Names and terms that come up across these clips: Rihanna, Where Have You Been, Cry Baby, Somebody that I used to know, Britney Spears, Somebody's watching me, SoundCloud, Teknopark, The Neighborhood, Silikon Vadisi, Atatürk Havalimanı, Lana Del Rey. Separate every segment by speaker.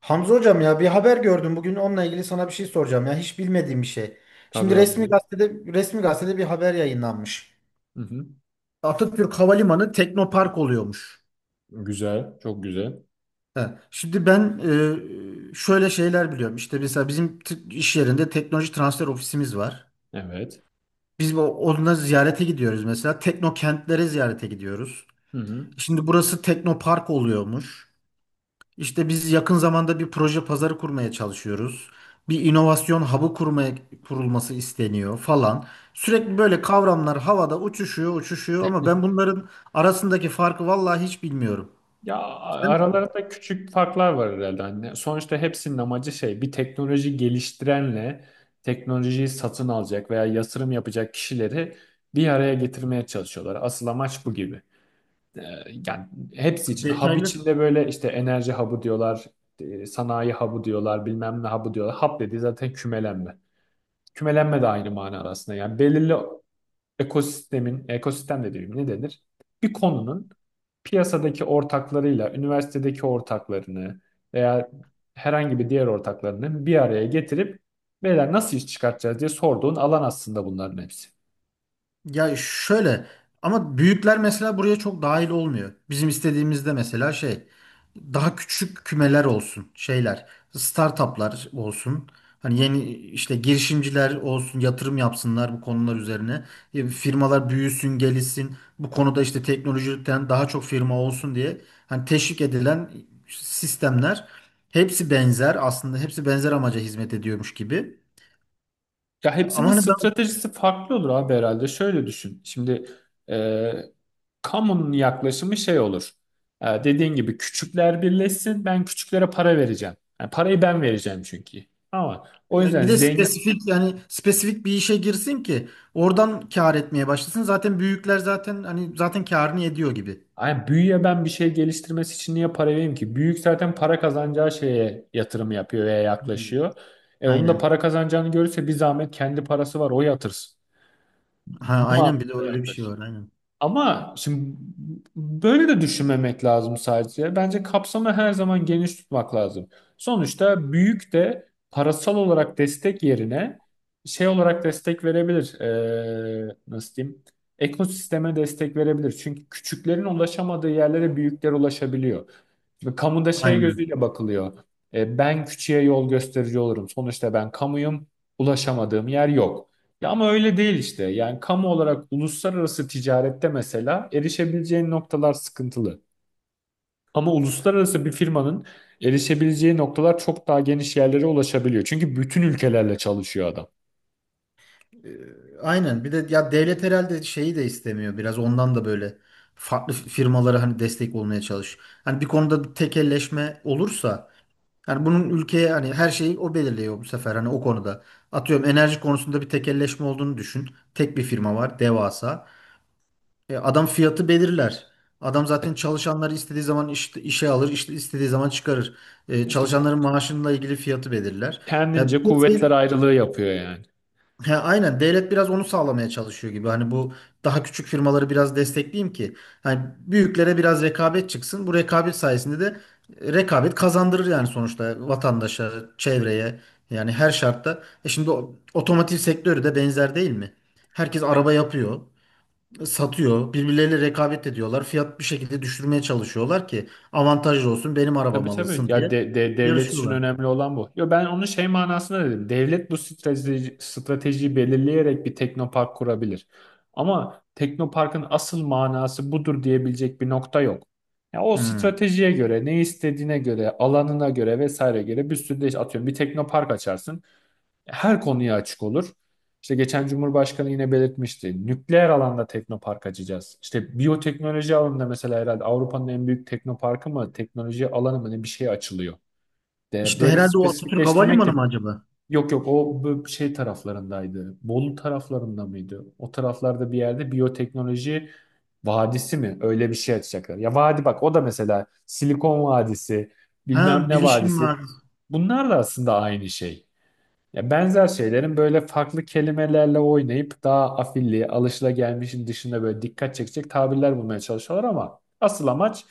Speaker 1: Hamza hocam ya bir haber gördüm. Bugün onunla ilgili sana bir şey soracağım. Ya hiç bilmediğim bir şey.
Speaker 2: Tabii
Speaker 1: Şimdi
Speaker 2: abi.
Speaker 1: resmi
Speaker 2: Buyur.
Speaker 1: gazetede resmi gazetede bir haber yayınlanmış.
Speaker 2: Hı hı.
Speaker 1: Atatürk Havalimanı Teknopark oluyormuş.
Speaker 2: Güzel, çok güzel.
Speaker 1: He. Şimdi ben şöyle şeyler biliyorum. İşte mesela bizim iş yerinde teknoloji transfer ofisimiz var.
Speaker 2: Evet.
Speaker 1: Biz onunla ziyarete gidiyoruz mesela. Teknokentlere ziyarete gidiyoruz.
Speaker 2: Hı hı.
Speaker 1: Şimdi burası Teknopark oluyormuş. İşte biz yakın zamanda bir proje pazarı kurmaya çalışıyoruz. Bir inovasyon hub'ı kurulması isteniyor falan. Sürekli böyle kavramlar havada uçuşuyor, uçuşuyor ama ben bunların arasındaki farkı vallahi hiç bilmiyorum.
Speaker 2: Ya
Speaker 1: Sen
Speaker 2: aralarında küçük farklar var herhalde. Hani sonuçta hepsinin amacı şey, bir teknoloji geliştirenle teknolojiyi satın alacak veya yatırım yapacak kişileri bir araya getirmeye çalışıyorlar. Asıl amaç bu gibi. Ee, yani hepsi için. Hub
Speaker 1: detaylı.
Speaker 2: içinde böyle işte enerji hub'ı diyorlar, sanayi hub'ı diyorlar, bilmem ne hub'ı diyorlar. Hub dediği zaten kümelenme. Kümelenme de aynı manada aslında. Yani belirli ekosistemin, ekosistem de değil ne denir? Bir konunun piyasadaki ortaklarıyla, üniversitedeki ortaklarını veya herhangi bir diğer ortaklarını bir araya getirip beyler nasıl iş çıkartacağız diye sorduğun alan aslında bunların hepsi.
Speaker 1: Ya şöyle, ama büyükler mesela buraya çok dahil olmuyor. Bizim istediğimizde mesela şey, daha küçük kümeler olsun, şeyler, startuplar olsun. Hani yeni işte girişimciler olsun, yatırım yapsınlar bu konular üzerine. Firmalar büyüsün gelişsin bu konuda, işte teknolojiden daha çok firma olsun diye. Hani teşvik edilen sistemler, hepsi benzer aslında, hepsi benzer amaca hizmet ediyormuş gibi.
Speaker 2: Ya hepsinin
Speaker 1: Ama hani.
Speaker 2: stratejisi farklı olur abi herhalde. Şöyle düşün. Şimdi e, kamunun yaklaşımı şey olur. E, dediğin gibi küçükler birleşsin. Ben küçüklere para vereceğim. Yani parayı ben vereceğim çünkü. Ama o
Speaker 1: Ya,
Speaker 2: yüzden
Speaker 1: bir de
Speaker 2: zengin.
Speaker 1: spesifik, yani spesifik bir işe girsin ki oradan kâr etmeye başlasın. Zaten büyükler zaten hani zaten kârını ediyor gibi.
Speaker 2: Ay büyüye ben bir şey geliştirmesi için niye para vereyim ki? Büyük zaten para kazanacağı şeye yatırım yapıyor veya
Speaker 1: Hmm.
Speaker 2: yaklaşıyor. E onun da
Speaker 1: Aynen.
Speaker 2: para kazanacağını görürse bir zahmet kendi parası var o yatırsın.
Speaker 1: Ha,
Speaker 2: Bu
Speaker 1: aynen, bir de
Speaker 2: mantıkla
Speaker 1: öyle bir şey
Speaker 2: yaklaş.
Speaker 1: var, aynen.
Speaker 2: Ama şimdi böyle de düşünmemek lazım sadece. Bence kapsamı her zaman geniş tutmak lazım. Sonuçta büyük de parasal olarak destek yerine şey olarak destek verebilir. Nasıl diyeyim? Ekosisteme destek verebilir. Çünkü küçüklerin ulaşamadığı yerlere büyükler ulaşabiliyor. Şimdi kamuda şey
Speaker 1: Aynen.
Speaker 2: gözüyle bakılıyor. E, ben küçüğe yol gösterici olurum. Sonuçta ben kamuyum. Ulaşamadığım yer yok. Ya ama öyle değil işte. Yani kamu olarak uluslararası ticarette mesela erişebileceğin noktalar sıkıntılı. Ama uluslararası bir firmanın erişebileceği noktalar çok daha geniş yerlere ulaşabiliyor. Çünkü bütün ülkelerle çalışıyor adam.
Speaker 1: Ee, aynen. Bir de ya devlet herhalde şeyi de istemiyor. Biraz ondan da böyle farklı firmalara hani destek olmaya çalış. Hani bir konuda bir tekelleşme olursa, yani bunun ülkeye hani her şeyi o belirliyor bu sefer hani o konuda. Atıyorum enerji konusunda bir tekelleşme olduğunu düşün. Tek bir firma var, devasa. Adam fiyatı belirler. Adam
Speaker 2: E,
Speaker 1: zaten çalışanları istediği zaman işe alır, işte istediği zaman çıkarır.
Speaker 2: İşte ku-
Speaker 1: Çalışanların maaşıyla ilgili fiyatı belirler. Ya,
Speaker 2: kendince kuvvetler ayrılığı yapıyor yani.
Speaker 1: he, aynen, devlet biraz onu sağlamaya çalışıyor gibi. Hani bu daha küçük firmaları biraz destekleyeyim ki hani büyüklere biraz rekabet çıksın. Bu rekabet sayesinde de rekabet kazandırır yani sonuçta vatandaşa, çevreye, yani her şartta. E şimdi otomotiv sektörü de benzer değil mi? Herkes araba yapıyor, satıyor. Birbirleriyle rekabet ediyorlar. Fiyat bir şekilde düşürmeye çalışıyorlar ki avantajlı olsun, benim
Speaker 2: Tabii
Speaker 1: arabam
Speaker 2: tabii.
Speaker 1: alınsın
Speaker 2: Ya
Speaker 1: diye
Speaker 2: devlet için
Speaker 1: yarışıyorlar.
Speaker 2: önemli olan bu. Yo ben onun şey manasında dedim. Devlet bu stratejiyi belirleyerek bir teknopark kurabilir. Ama teknoparkın asıl manası budur diyebilecek bir nokta yok. Ya o
Speaker 1: Hmm.
Speaker 2: stratejiye göre, ne istediğine göre, alanına göre vesaire göre bir sürü de atıyorum bir teknopark açarsın, her konuya açık olur. İşte geçen Cumhurbaşkanı yine belirtmişti. Nükleer alanda teknopark açacağız. İşte biyoteknoloji alanında mesela herhalde Avrupa'nın en büyük teknoparkı mı, teknoloji alanı mı ne bir şey açılıyor. De
Speaker 1: İşte
Speaker 2: böyle
Speaker 1: herhalde o Atatürk
Speaker 2: spesifikleştirmek
Speaker 1: Havalimanı
Speaker 2: de.
Speaker 1: mı acaba?
Speaker 2: Yok yok o bu şey taraflarındaydı. Bolu taraflarında mıydı? O taraflarda bir yerde biyoteknoloji vadisi mi? Öyle bir şey açacaklar. Ya vadi bak o da mesela Silikon Vadisi, bilmem
Speaker 1: Ha,
Speaker 2: ne
Speaker 1: bilişim
Speaker 2: vadisi.
Speaker 1: var.
Speaker 2: Bunlar da aslında aynı şey. Ya benzer şeylerin böyle farklı kelimelerle oynayıp daha afilli, alışılagelmişin dışında böyle dikkat çekecek tabirler bulmaya çalışıyorlar ama asıl amaç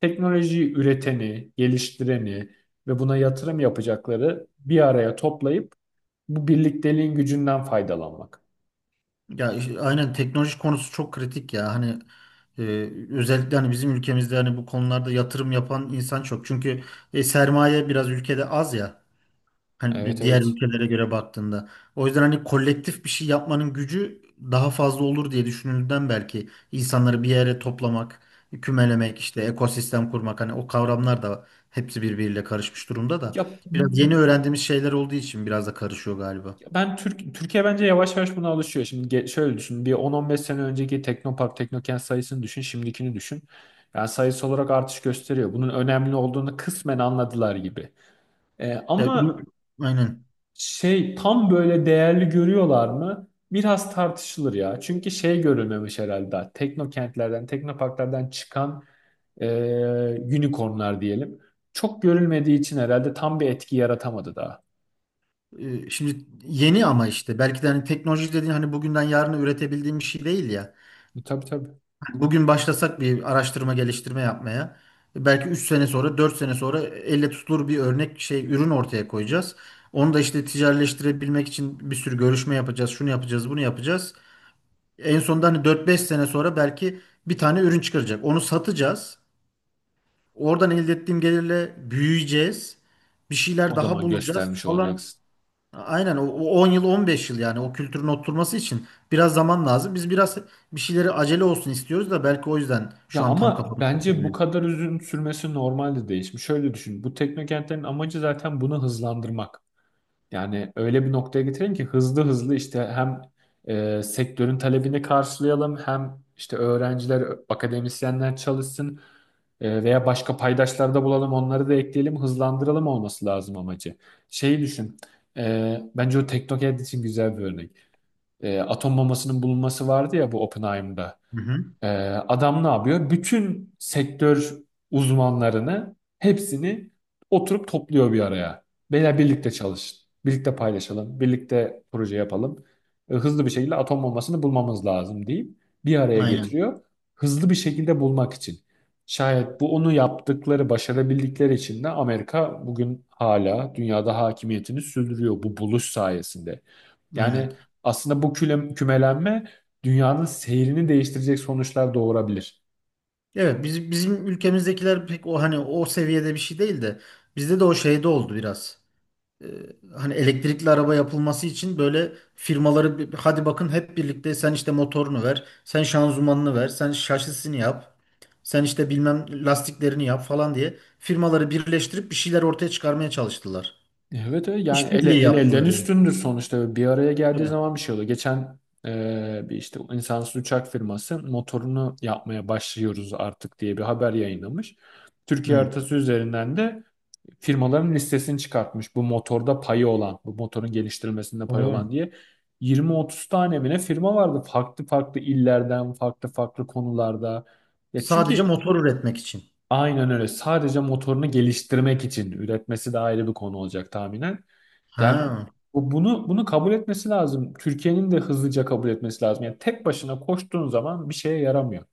Speaker 2: teknolojiyi üreteni, geliştireni ve buna yatırım yapacakları bir araya toplayıp bu birlikteliğin gücünden faydalanmak.
Speaker 1: Ya işte aynen, teknoloji konusu çok kritik ya. Hani e, özellikle hani bizim ülkemizde hani bu konularda yatırım yapan insan çok. Çünkü sermaye biraz ülkede az ya. Hani
Speaker 2: Evet
Speaker 1: diğer
Speaker 2: evet.
Speaker 1: ülkelere göre baktığında. O yüzden hani kolektif bir şey yapmanın gücü daha fazla olur diye düşünüldüğünden, belki insanları bir yere toplamak, kümelemek, işte ekosistem kurmak, hani o kavramlar da hepsi birbiriyle karışmış durumda da.
Speaker 2: Ya
Speaker 1: Biraz yeni öğrendiğimiz şeyler olduğu için biraz da karışıyor galiba.
Speaker 2: ben Türkiye bence yavaş yavaş buna alışıyor. Şimdi şöyle düşün. Bir 10-15 sene önceki Teknopark, Teknokent sayısını düşün, şimdikini düşün. Yani sayısı olarak artış gösteriyor. Bunun önemli olduğunu kısmen anladılar gibi.
Speaker 1: Ya,
Speaker 2: Ama
Speaker 1: aynen.
Speaker 2: şey tam böyle değerli görüyorlar mı? Biraz tartışılır ya. Çünkü şey görülmemiş herhalde daha. Teknokentlerden, Teknoparklardan çıkan e, unicornlar diyelim. Çok görülmediği için herhalde tam bir etki yaratamadı daha.
Speaker 1: Şimdi yeni, ama işte belki de hani teknoloji dediğin hani bugünden yarına üretebildiğim bir şey değil ya.
Speaker 2: E, tabii tabii.
Speaker 1: Bugün başlasak bir araştırma geliştirme yapmaya. Belki 3 sene sonra, 4 sene sonra elle tutulur bir örnek şey ürün ortaya koyacağız. Onu da işte ticaretleştirebilmek için bir sürü görüşme yapacağız. Şunu yapacağız, bunu yapacağız. En sonunda hani 4 5 sene sonra belki bir tane ürün çıkaracak. Onu satacağız. Oradan elde ettiğim gelirle büyüyeceğiz. Bir şeyler
Speaker 2: O
Speaker 1: daha
Speaker 2: zaman
Speaker 1: bulacağız
Speaker 2: göstermiş
Speaker 1: falan.
Speaker 2: olacaksın.
Speaker 1: Aynen, o 10 yıl 15 yıl, yani o kültürün oturması için biraz zaman lazım. Biz biraz bir şeyleri acele olsun istiyoruz da belki o yüzden
Speaker 2: Ya
Speaker 1: şu an tam
Speaker 2: ama
Speaker 1: kafamız
Speaker 2: bence bu
Speaker 1: oturmuyor.
Speaker 2: kadar uzun sürmesi normalde değişmiş. Şöyle düşün. Bu teknokentlerin amacı zaten bunu hızlandırmak. Yani öyle bir noktaya getirelim ki hızlı hızlı işte hem sektörün talebini karşılayalım hem işte öğrenciler, akademisyenler çalışsın, veya başka paydaşlar da bulalım onları da ekleyelim hızlandıralım olması lazım amacı. Şeyi düşün. E, bence o teknokent için güzel bir örnek. E, atom bombasının bulunması vardı ya bu Oppenheimer'da.
Speaker 1: Hı hı.
Speaker 2: Ee, adam ne yapıyor? Bütün sektör uzmanlarını hepsini oturup topluyor bir araya. Beyler birlikte çalışın. Birlikte paylaşalım. Birlikte proje yapalım. Hızlı bir şekilde atom bombasını bulmamız lazım deyip bir araya
Speaker 1: Aynen.
Speaker 2: getiriyor. Hızlı bir şekilde bulmak için. Şayet bu onu yaptıkları, başarabildikleri için de Amerika bugün hala dünyada hakimiyetini sürdürüyor bu buluş sayesinde.
Speaker 1: Aynen.
Speaker 2: Yani aslında bu kümelenme dünyanın seyrini değiştirecek sonuçlar doğurabilir.
Speaker 1: Evet, biz, bizim ülkemizdekiler pek o hani o seviyede bir şey değil de bizde de o şeyde oldu biraz. e, Hani elektrikli araba yapılması için böyle firmaları hadi bakın hep birlikte, sen işte motorunu ver, sen şanzımanını ver, sen şasisini yap, sen işte bilmem lastiklerini yap falan diye firmaları birleştirip bir şeyler ortaya çıkarmaya çalıştılar.
Speaker 2: Evet, evet. Yani
Speaker 1: İşbirliği
Speaker 2: el elden
Speaker 1: yaptılar yani.
Speaker 2: üstündür sonuçta. Bir araya geldiği
Speaker 1: Tabii.
Speaker 2: zaman bir şey oluyor. Geçen bir işte insansız uçak firması motorunu yapmaya başlıyoruz artık diye bir haber yayınlamış. Türkiye
Speaker 1: Hı.
Speaker 2: haritası üzerinden de firmaların listesini çıkartmış. Bu motorda payı olan, bu motorun geliştirilmesinde payı olan
Speaker 1: Oğlum.
Speaker 2: diye. 20-30 tane mi ne firma vardı farklı farklı illerden, farklı farklı konularda. Ya
Speaker 1: Sadece
Speaker 2: çünkü
Speaker 1: motor üretmek için.
Speaker 2: aynen öyle. Sadece motorunu geliştirmek için üretmesi de ayrı bir konu olacak tahminen. Yani
Speaker 1: Ha,
Speaker 2: bunu kabul etmesi lazım. Türkiye'nin de hızlıca kabul etmesi lazım. Yani tek başına koştuğun zaman bir şeye yaramıyor.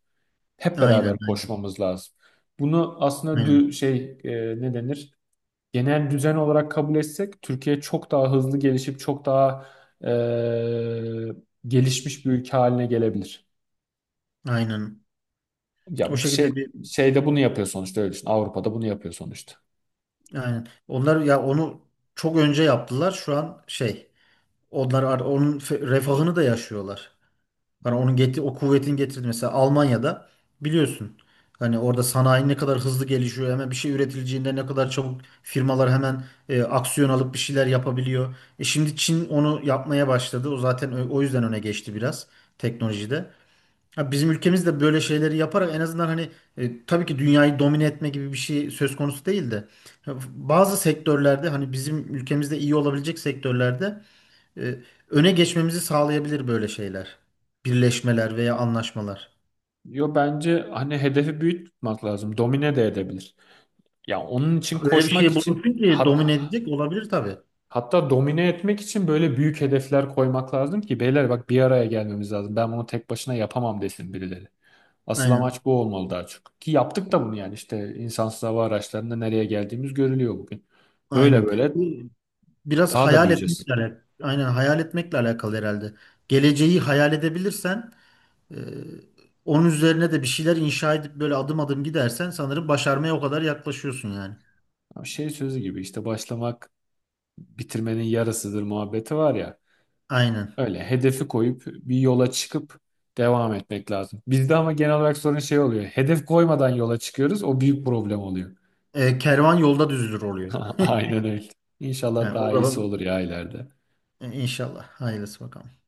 Speaker 2: Hep
Speaker 1: aynen
Speaker 2: beraber
Speaker 1: aynen.
Speaker 2: koşmamız lazım. Bunu aslında
Speaker 1: Aynen.
Speaker 2: ne denir? Genel düzen olarak kabul etsek Türkiye çok daha hızlı gelişip çok daha e, gelişmiş bir ülke haline gelebilir.
Speaker 1: Aynen. O
Speaker 2: Ya şey
Speaker 1: şekilde bir,
Speaker 2: şeyde bunu yapıyor sonuçta öyle düşün. Avrupa'da bunu yapıyor sonuçta.
Speaker 1: aynen. Onlar ya onu çok önce yaptılar. Şu an şey. Onlar onun refahını da yaşıyorlar. Hani onun getir, o kuvvetin getirdi mesela Almanya'da, biliyorsun. Hani orada sanayi ne kadar hızlı gelişiyor, hemen bir şey üretileceğinde ne kadar çabuk firmalar hemen aksiyon alıp bir şeyler yapabiliyor. E şimdi Çin onu yapmaya başladı. O zaten o yüzden öne geçti biraz teknolojide. Ha, bizim ülkemiz de böyle şeyleri yaparak en azından hani tabii ki dünyayı domine etme gibi bir şey söz konusu değil de, bazı sektörlerde hani bizim ülkemizde iyi olabilecek sektörlerde e, öne geçmemizi sağlayabilir böyle şeyler. Birleşmeler veya anlaşmalar.
Speaker 2: Yo bence hani hedefi büyük tutmak lazım. Domine de edebilir. Ya onun için
Speaker 1: Öyle bir
Speaker 2: koşmak
Speaker 1: şey
Speaker 2: için
Speaker 1: bulursun ki domine edecek olabilir tabii.
Speaker 2: hatta domine etmek için böyle büyük hedefler koymak lazım ki beyler bak bir araya gelmemiz lazım. Ben bunu tek başına yapamam desin birileri. Asıl
Speaker 1: Aynen.
Speaker 2: amaç bu olmalı daha çok. Ki yaptık da bunu yani işte insansız hava araçlarında nereye geldiğimiz görülüyor bugün. Böyle
Speaker 1: Aynen.
Speaker 2: böyle
Speaker 1: Bu. Biraz
Speaker 2: daha da
Speaker 1: hayal
Speaker 2: büyüyeceğiz.
Speaker 1: etmekle alakalı. Aynen, hayal etmekle alakalı herhalde. Geleceği hayal edebilirsen e, onun üzerine de bir şeyler inşa edip böyle adım adım gidersen sanırım başarmaya o kadar yaklaşıyorsun yani.
Speaker 2: Şey sözü gibi işte başlamak bitirmenin yarısıdır muhabbeti var ya.
Speaker 1: Aynen.
Speaker 2: Öyle hedefi koyup bir yola çıkıp devam etmek lazım. Bizde ama genel olarak sorun şey oluyor. Hedef koymadan yola çıkıyoruz. O büyük problem oluyor.
Speaker 1: E, kervan yolda düzülür oluyor.
Speaker 2: Aynen öyle. İnşallah
Speaker 1: Yani o
Speaker 2: daha iyisi
Speaker 1: zaman
Speaker 2: olur ya ileride.
Speaker 1: inşallah. Hayırlısı bakalım.